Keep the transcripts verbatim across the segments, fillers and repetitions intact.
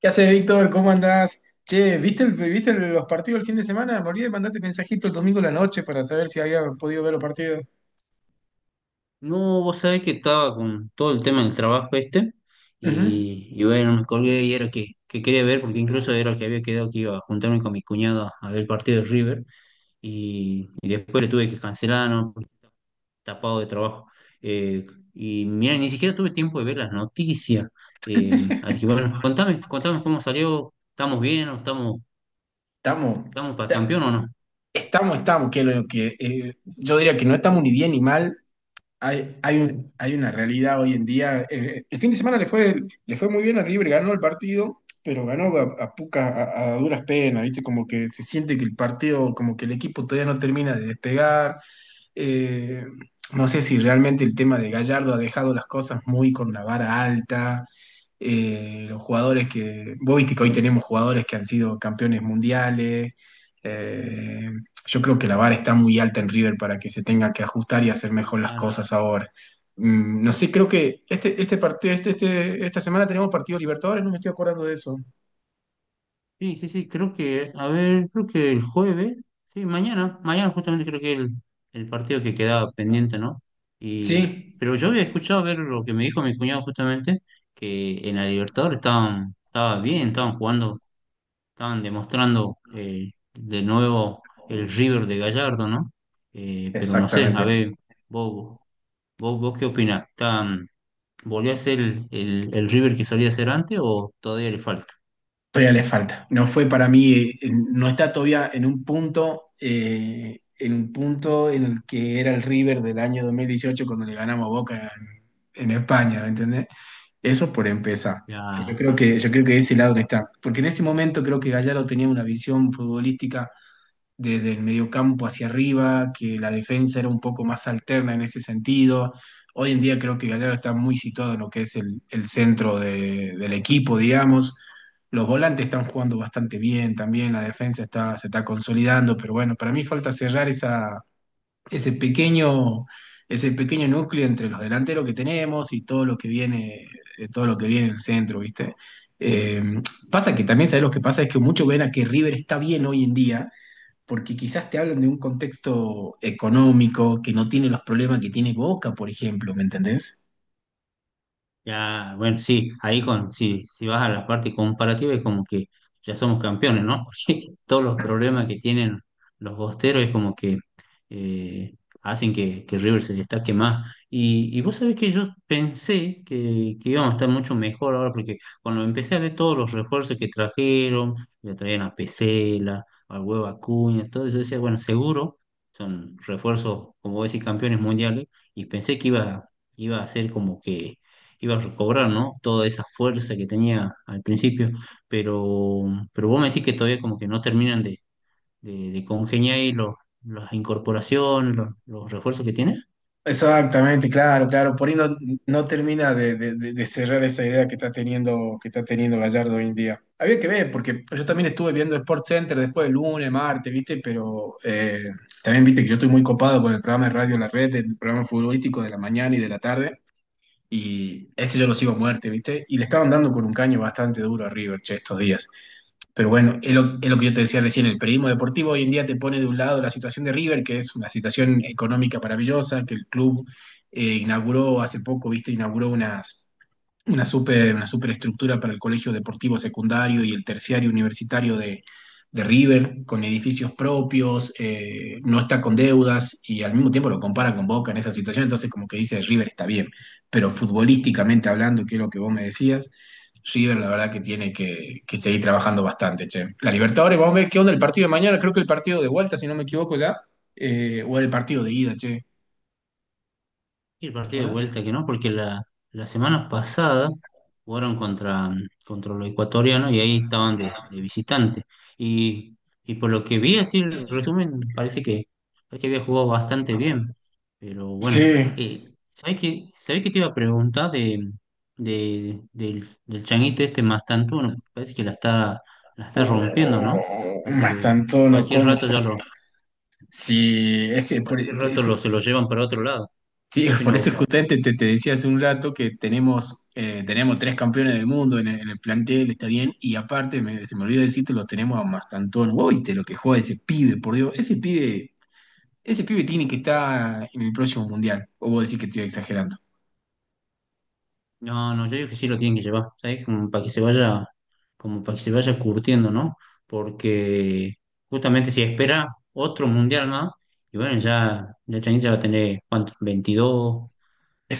¿Qué haces, Víctor? ¿Cómo andás? Che, ¿viste, el- viste los partidos el fin de semana? Morí de mandarte mensajito el domingo a la noche para saber si había podido ver los partidos. No, vos sabés que estaba con todo el tema del trabajo este Ujú. y, y bueno, me colgué y era que, que quería ver, porque incluso era que había quedado que iba a juntarme con mi cuñada a ver el partido de River y, y después le tuve que cancelar, ¿no? Porque tapado de trabajo. Eh, y mira, ni siquiera tuve tiempo de ver las noticias. Eh, así que bueno, contame, contame cómo salió. ¿Estamos bien o estamos, Estamos, estamos para ta- campeón o no? estamos, estamos, que, lo, que eh, Yo diría que no estamos ni bien ni mal. Hay, hay, un- hay una realidad hoy en día. Eh, el fin de semana le fue, le fue muy bien al River, ganó el partido, pero ganó a, a poca- a- a duras penas, ¿viste? Como que se siente que el partido, como que el equipo todavía no termina de despegar. Eh, no sé si realmente el tema de Gallardo ha dejado las cosas muy con la vara alta. Eh, los jugadores que, vos viste que hoy tenemos jugadores que han sido campeones mundiales. Eh, yo creo que la vara está muy alta en River para que se tenga que ajustar y hacer mejor las Claro. cosas ahora. Mm, no sé, creo que este, este partido, este, este- esta semana tenemos partido Libertadores, no me estoy acordando de eso. Sí, sí, sí, creo que, a ver, creo que el jueves. Sí, mañana, mañana justamente creo que el, el partido que quedaba pendiente, ¿no? Sí, Y, pero yo había escuchado ver lo que me dijo mi cuñado justamente, que en la Libertadores estaban, estaba bien, estaban jugando, estaban demostrando, eh, de nuevo el River de Gallardo, ¿no? Eh, pero no sé, a exactamente. ver, vos, vos, vos qué opinás. ¿Están, volvió a ser el, el, el River que solía ser antes o todavía le falta? Todavía le falta. No fue para mí, eh, en- no está todavía en un punto, eh, en un punto en el que era el River del año dos mil dieciocho cuando le ganamos a Boca en, en España, ¿me entendés? Eso por empezar. Ya, Yo creo que, yo creo que de ese lado que está. Porque en ese momento creo que Gallardo tenía una visión futbolística desde el mediocampo hacia arriba, que la defensa era un poco más alterna en ese sentido. Hoy en día creo que Gallardo está muy situado en lo que es el, el centro de- del equipo, digamos. Los volantes están jugando bastante bien también, la defensa está, se está consolidando, pero bueno, para mí falta cerrar esa, ese pequeño, ese pequeño núcleo entre los delanteros que tenemos y todo lo que viene, eh, todo lo que viene en el centro, ¿viste? Eh, Pasa que también, ¿sabes lo que pasa? Es que muchos ven a que River está bien hoy en día, porque quizás te hablan de un contexto económico que no tiene los problemas que tiene Boca, por ejemplo, ¿me entendés? ya, bueno. Sí, ahí con, sí, si vas a la parte comparativa, es como que ya somos campeones, ¿no? Porque todos los problemas que tienen los bosteros es como que, eh, hacen que, que River se destaque más. Y, y vos sabés que yo pensé que, que íbamos a estar mucho mejor ahora, porque cuando empecé a ver todos los refuerzos que trajeron, ya traían a Pesela, al Huevo Acuña, todo eso, yo decía, bueno, seguro son refuerzos, como vos decís, campeones mundiales, y pensé que iba, iba a ser como que iba a recobrar, ¿no? Toda esa fuerza que tenía al principio, pero, pero vos me decís que todavía como que no terminan de, de, de congeniar ahí los, las incorporaciones, los, los refuerzos que tiene. Exactamente, claro, claro. Por ahí no, no termina de, de- de- de cerrar esa idea que está teniendo, que está teniendo Gallardo hoy en día. Había que ver, porque yo también estuve viendo Sport Center después del lunes, martes, ¿viste? Pero eh, también viste que yo estoy muy copado con el programa de Radio La Red, el programa futbolístico de la mañana y de la tarde. Y ese yo lo sigo a muerte, ¿viste? Y le estaban dando con un caño bastante duro a River, che, estos días. Pero bueno, es lo, es lo que yo te decía recién, el periodismo deportivo hoy en día te pone de un lado la situación de River, que es una situación económica maravillosa, que el club eh, inauguró hace poco, ¿viste? Inauguró unas una super, una superestructura para el colegio deportivo secundario y el terciario universitario de, de River, con edificios propios, eh, no está con deudas y al mismo tiempo lo compara con Boca en esa situación, entonces como que dice River está bien, pero futbolísticamente hablando, que es lo que vos me decías, River la verdad que tiene que, que seguir trabajando bastante, che. La Libertadores, vamos a ver qué onda el partido de mañana, creo que el partido de vuelta, si no me equivoco ya, eh, o el partido de ida, che, Y el ¿te partido de acuerdas? vuelta que no, porque la, la semana pasada jugaron contra, contra los ecuatorianos y ahí estaban de, de visitante. Y, y por lo que vi, así el resumen, parece que, parece que había jugado bastante bien. Pero bueno, Sí, eh, ¿sabés qué, sabés qué te iba a preguntar de, de- del, del changuito este Mastantuono? Parece que la está, la está rompiendo, oh, ¿no? Parece más que tanto no cualquier como. rato ya lo, Sí, ese, por, cualquier por- rato lo, se lo llevan para otro lado. sí, ¿Qué por opinas eso vos? justamente te, te decía hace un rato que tenemos, eh, tenemos tres campeones del mundo en el, en el plantel, está bien, y aparte, me- se me olvidó decirte, lo tenemos a Mastantón, uy, lo que juega ese pibe, por Dios, ese pibe, ese pibe tiene que estar en el próximo mundial, o vos decís que estoy exagerando. No, no, yo digo que sí lo tienen que llevar, ¿sabes? Como para que se vaya, como para que se vaya curtiendo, ¿no? Porque justamente si espera otro mundial más, y bueno, ya, ya Chain ya va a tener, ¿cuánto? veintidós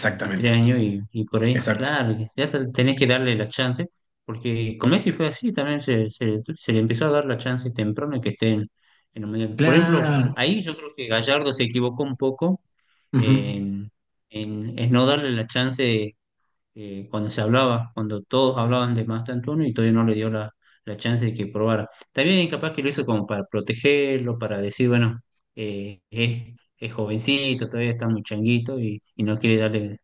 veintitrés años y, y por ahí, exacto. claro, que ya te- tenés que darle la chance, porque con Messi fue así, también se, se, se le empezó a dar la chance temprano que esté en, en el mundial. Por ejemplo, Claro. ahí yo creo que Gallardo se equivocó un poco Ujú. en en, en no darle la chance, eh, cuando se hablaba, cuando todos hablaban de Master Antonio y todavía no le dio la, la chance de que probara. También capaz que lo hizo como para protegerlo, para decir, bueno, eh, es, es jovencito, todavía está muy changuito y, y no quiere darle,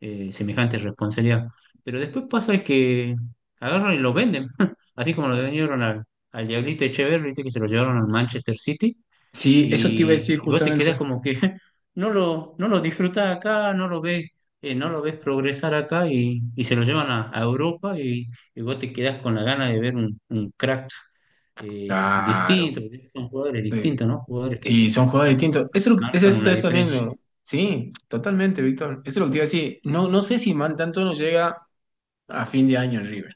eh, semejante responsabilidad. Pero después pasa que agarran y lo venden, así como lo vendieron al, al Diablito Echeverri, ¿viste? Que se lo llevaron al Manchester City Sí, eso te iba a decir y, y vos te justamente. quedás como que, no lo, no lo disfrutás acá, no lo ves, eh, no lo ves progresar acá, y, y se lo llevan a, a Europa, y, y vos te quedás con la gana de ver un, un crack, eh, Claro. distinto, porque son jugadores distintos, ¿no? Jugadores que Sí, son jugadores te, distintos. Eso te es, lo que- eso marcan es- eso una es también diferencia. lo- Sí, totalmente, Víctor. Eso es lo que te iba a decir. No, no sé si Man tanto no llega a fin de año en River,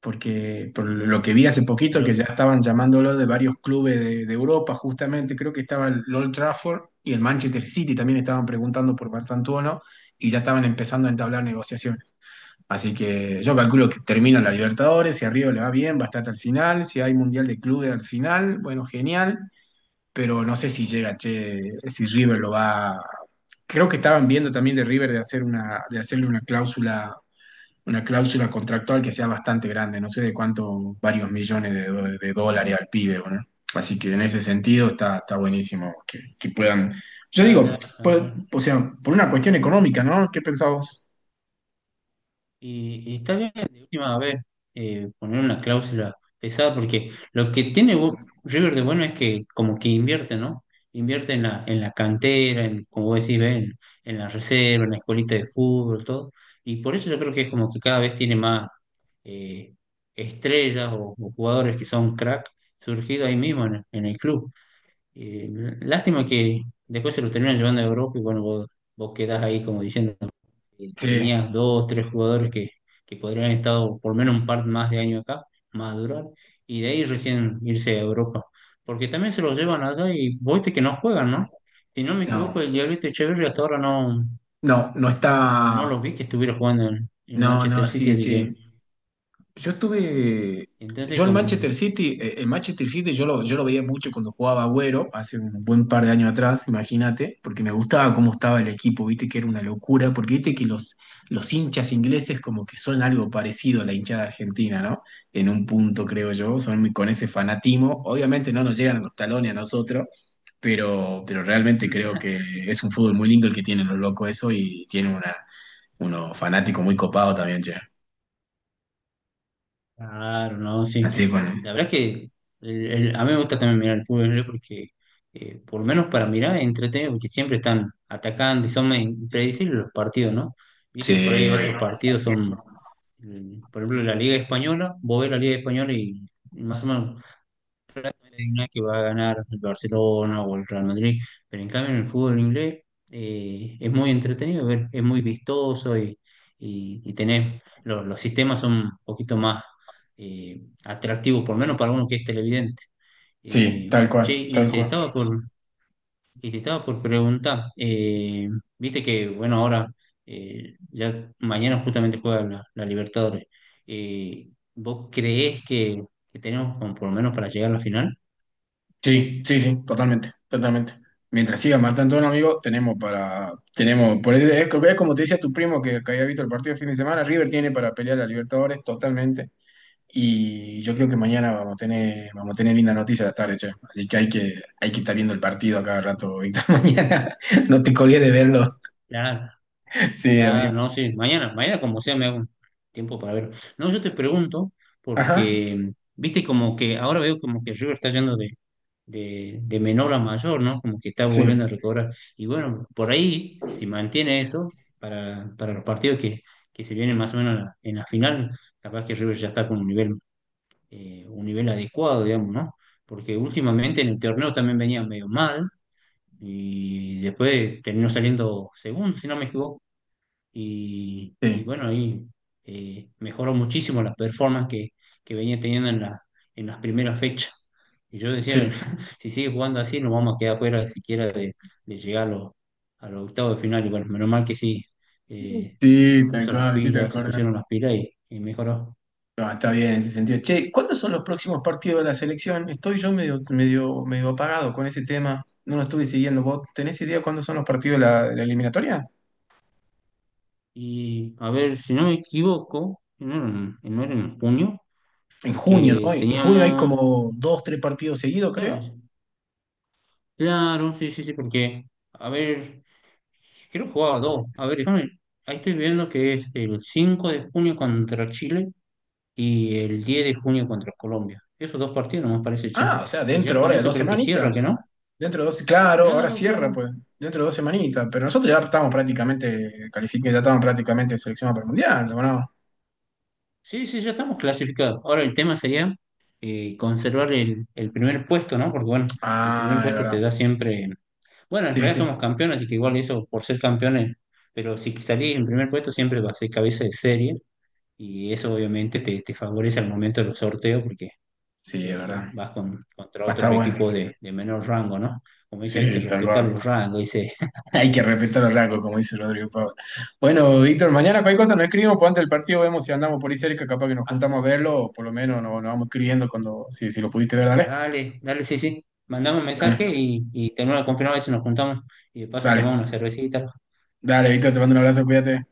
porque por lo que No, vi hace poquito que ya lo, estaban llamándolo de varios clubes de, de Europa, justamente, creo que estaba el Old Trafford y el Manchester City también estaban preguntando por Martantuono y ya estaban empezando a entablar negociaciones. Así que yo calculo que termina la Libertadores, si a River le va bien, va a estar hasta el final, si hay Mundial de Clubes al final, bueno, genial, pero no sé si llega, che, si River lo va. Creo que estaban viendo también de River de hacer una, de hacerle una cláusula, una cláusula contractual que sea bastante grande, no sé de cuánto, varios millones de, do- de dólares al pibe, ¿o ¿no? Así que en ese sentido está, está buenísimo que, que puedan. Yo digo, claro, claro. Por- claro. o sea, por una cuestión económica, ¿no? ¿Qué pensabas? Y, y está bien, de última vez, eh, poner una cláusula pesada, porque lo que tiene Bu- River de bueno es que como que invierte, ¿no? Invierte en la, en la cantera, en, como vos decís, ¿ves? en, en la reserva, en la escuelita de fútbol, todo. Y por eso yo creo que es como que cada vez tiene más, eh, estrellas o, o jugadores que son crack, surgidos ahí mismo en, en el club. Eh, Lástima que después se los terminan llevando a Europa, y bueno, vos, vos quedás ahí como diciendo, eh, Sí, tenías dos, tres jugadores que, que podrían haber estado por lo menos un par más de años acá, madurar, y de ahí recién irse a Europa. Porque también se los llevan allá y vos viste que no juegan, ¿no? Si no me equivoco, no, el Diablito Echeverri hasta ahora no, no, no no, no está. lo vi que estuviera jugando en, en No, no, Manchester City, sí, así que che. Yo estuve, entonces yo el como Manchester City, eh, el Manchester City yo lo, yo lo veía mucho cuando jugaba Agüero, hace un buen par de años atrás, imagínate, porque me gustaba cómo estaba el equipo, viste que era una locura, porque viste que los, los hinchas ingleses como que son algo parecido a la hinchada argentina, ¿no? En un punto, creo yo, son muy- con ese fanatismo, obviamente no nos llegan a los talones a nosotros, pero, pero realmente creo que es un fútbol muy lindo el que tienen los locos eso y tienen una, unos fanáticos muy copados también, ya. Claro, no, sí. Así que bueno. La verdad es que el- el- a mí me gusta también mirar el fútbol, ¿eh? Porque, eh, por lo menos para mirar, es entretenido, porque siempre están atacando y son medio impredecibles los partidos, ¿no? Sí, Viste, por ahí otros partidos son, mm, por ejemplo, la Liga Española, vos ves la Liga Española y más o menos hay una que va a ganar el Barcelona o el Real Madrid, pero en cambio en el fútbol inglés, eh, es muy entretenido, ver, es muy vistoso, y, y, y tenés, lo- los sistemas son un poquito más, eh, atractivos, por lo menos para uno que es televidente. sí, Eh, tal Che, cual, y tal te cual. estaba por, y te estaba por preguntar, eh, viste que, bueno, ahora, eh, ya mañana justamente juega la, la Libertadores. Eh, ¿Vos creés que, que tenemos como por lo menos para llegar a la final? Sí, sí, sí, totalmente, totalmente. Mientras siga matando a un amigo, tenemos para, tenemos, por eso es, es como te decía tu primo que, que había visto el partido el fin de semana, River tiene para pelear a Libertadores totalmente. Y yo creo que mañana vamos a tener, vamos a tener linda noticia de la tarde, che. Así que hay que, hay que estar viendo el partido a cada rato, Víctor. Mañana no te colgues de verlo. Claro. Sí, amigo. Claro, no, sí, mañana, mañana como sea me hago un tiempo para verlo. No, yo te pregunto, Ajá. porque, viste, como que ahora veo como que River está yendo de, de, de menor a mayor, ¿no? Como que está Sí, volviendo a recobrar. Y bueno, por ahí, si mantiene eso, para, para los partidos que, que se vienen más o menos en la, en la final, capaz que River ya está con un nivel, eh, un nivel adecuado, digamos, ¿no? Porque últimamente en el torneo también venía medio mal y después terminó saliendo segundo, si no me equivoco, y, y sí, bueno, ahí, eh, mejoró muchísimo las performance que, que venía teniendo en, la, en las primeras fechas. Y yo decía, sí. si sigue jugando así, nos vamos a quedar fuera siquiera de, de llegar a los, a los octavos de final. Y bueno, menos mal que sí, eh, se Sí, tal puso las cual, sí, te pilas, se acuerdo. pusieron las pilas y, y mejoró. No, está bien en ese sentido. Che, ¿cuándo son los próximos partidos de la selección? Estoy yo medio, medio, medio apagado con ese tema. No lo estuve siguiendo. ¿Vos tenés idea cuándo son los partidos de la, de la eliminatoria? Y a ver, si no me equivoco, no era, en- no era en junio, En junio, ¿no? porque En junio hay teníamos, como dos, tres partidos seguidos, creo. claro, claro, sí, sí, sí, porque, a ver. Creo que jugaba dos. A ver, déjame. Ahí estoy viendo que es el cinco de junio contra Chile y el diez de junio contra Colombia. Esos dos partidos no me parece, che. Ah, o sea, Y ya dentro con ahora de eso dos creo que semanitas. cierra, ¿que no? Dentro de dos, claro, ahora Claro, cierra, claro. pues. Dentro de dos semanitas. Pero nosotros ya estamos prácticamente calificados, ya estamos prácticamente seleccionados para el mundial, ¿o no? Sí, sí, ya estamos clasificados. Ahora el tema sería, eh, conservar el, el primer puesto, ¿no? Porque bueno, el primer Ah, es puesto te verdad. da siempre... Bueno, en Sí, realidad sí. somos campeones, así que igual eso, por ser campeones, pero si salís en primer puesto siempre va a ser cabeza de serie y eso obviamente te, te favorece al momento de los sorteos, porque Sí, es eh, verdad. vas con, contra Va a otros estar bueno. equipos de, de menor rango, ¿no? Como dice, hay que Sí, tal respetar cual. los rangos, dice, Hay que respetar el rango, como dice Rodrigo Pablo. Bueno, Víctor, mañana cualquier cosa nos escribimos, pues antes del partido vemos si andamos por ahí cerca, capaz que nos "Ah, juntamos a verlo, o por lo menos nos, nos vamos escribiendo cuando, si, si lo pudiste ver, dale. dale, dale, sí, sí, mandame un mensaje Dale, y, y tenemos la confirmar si nos juntamos y de paso tomamos dale, una cervecita, dale, Víctor, te mando un abrazo, cuídate.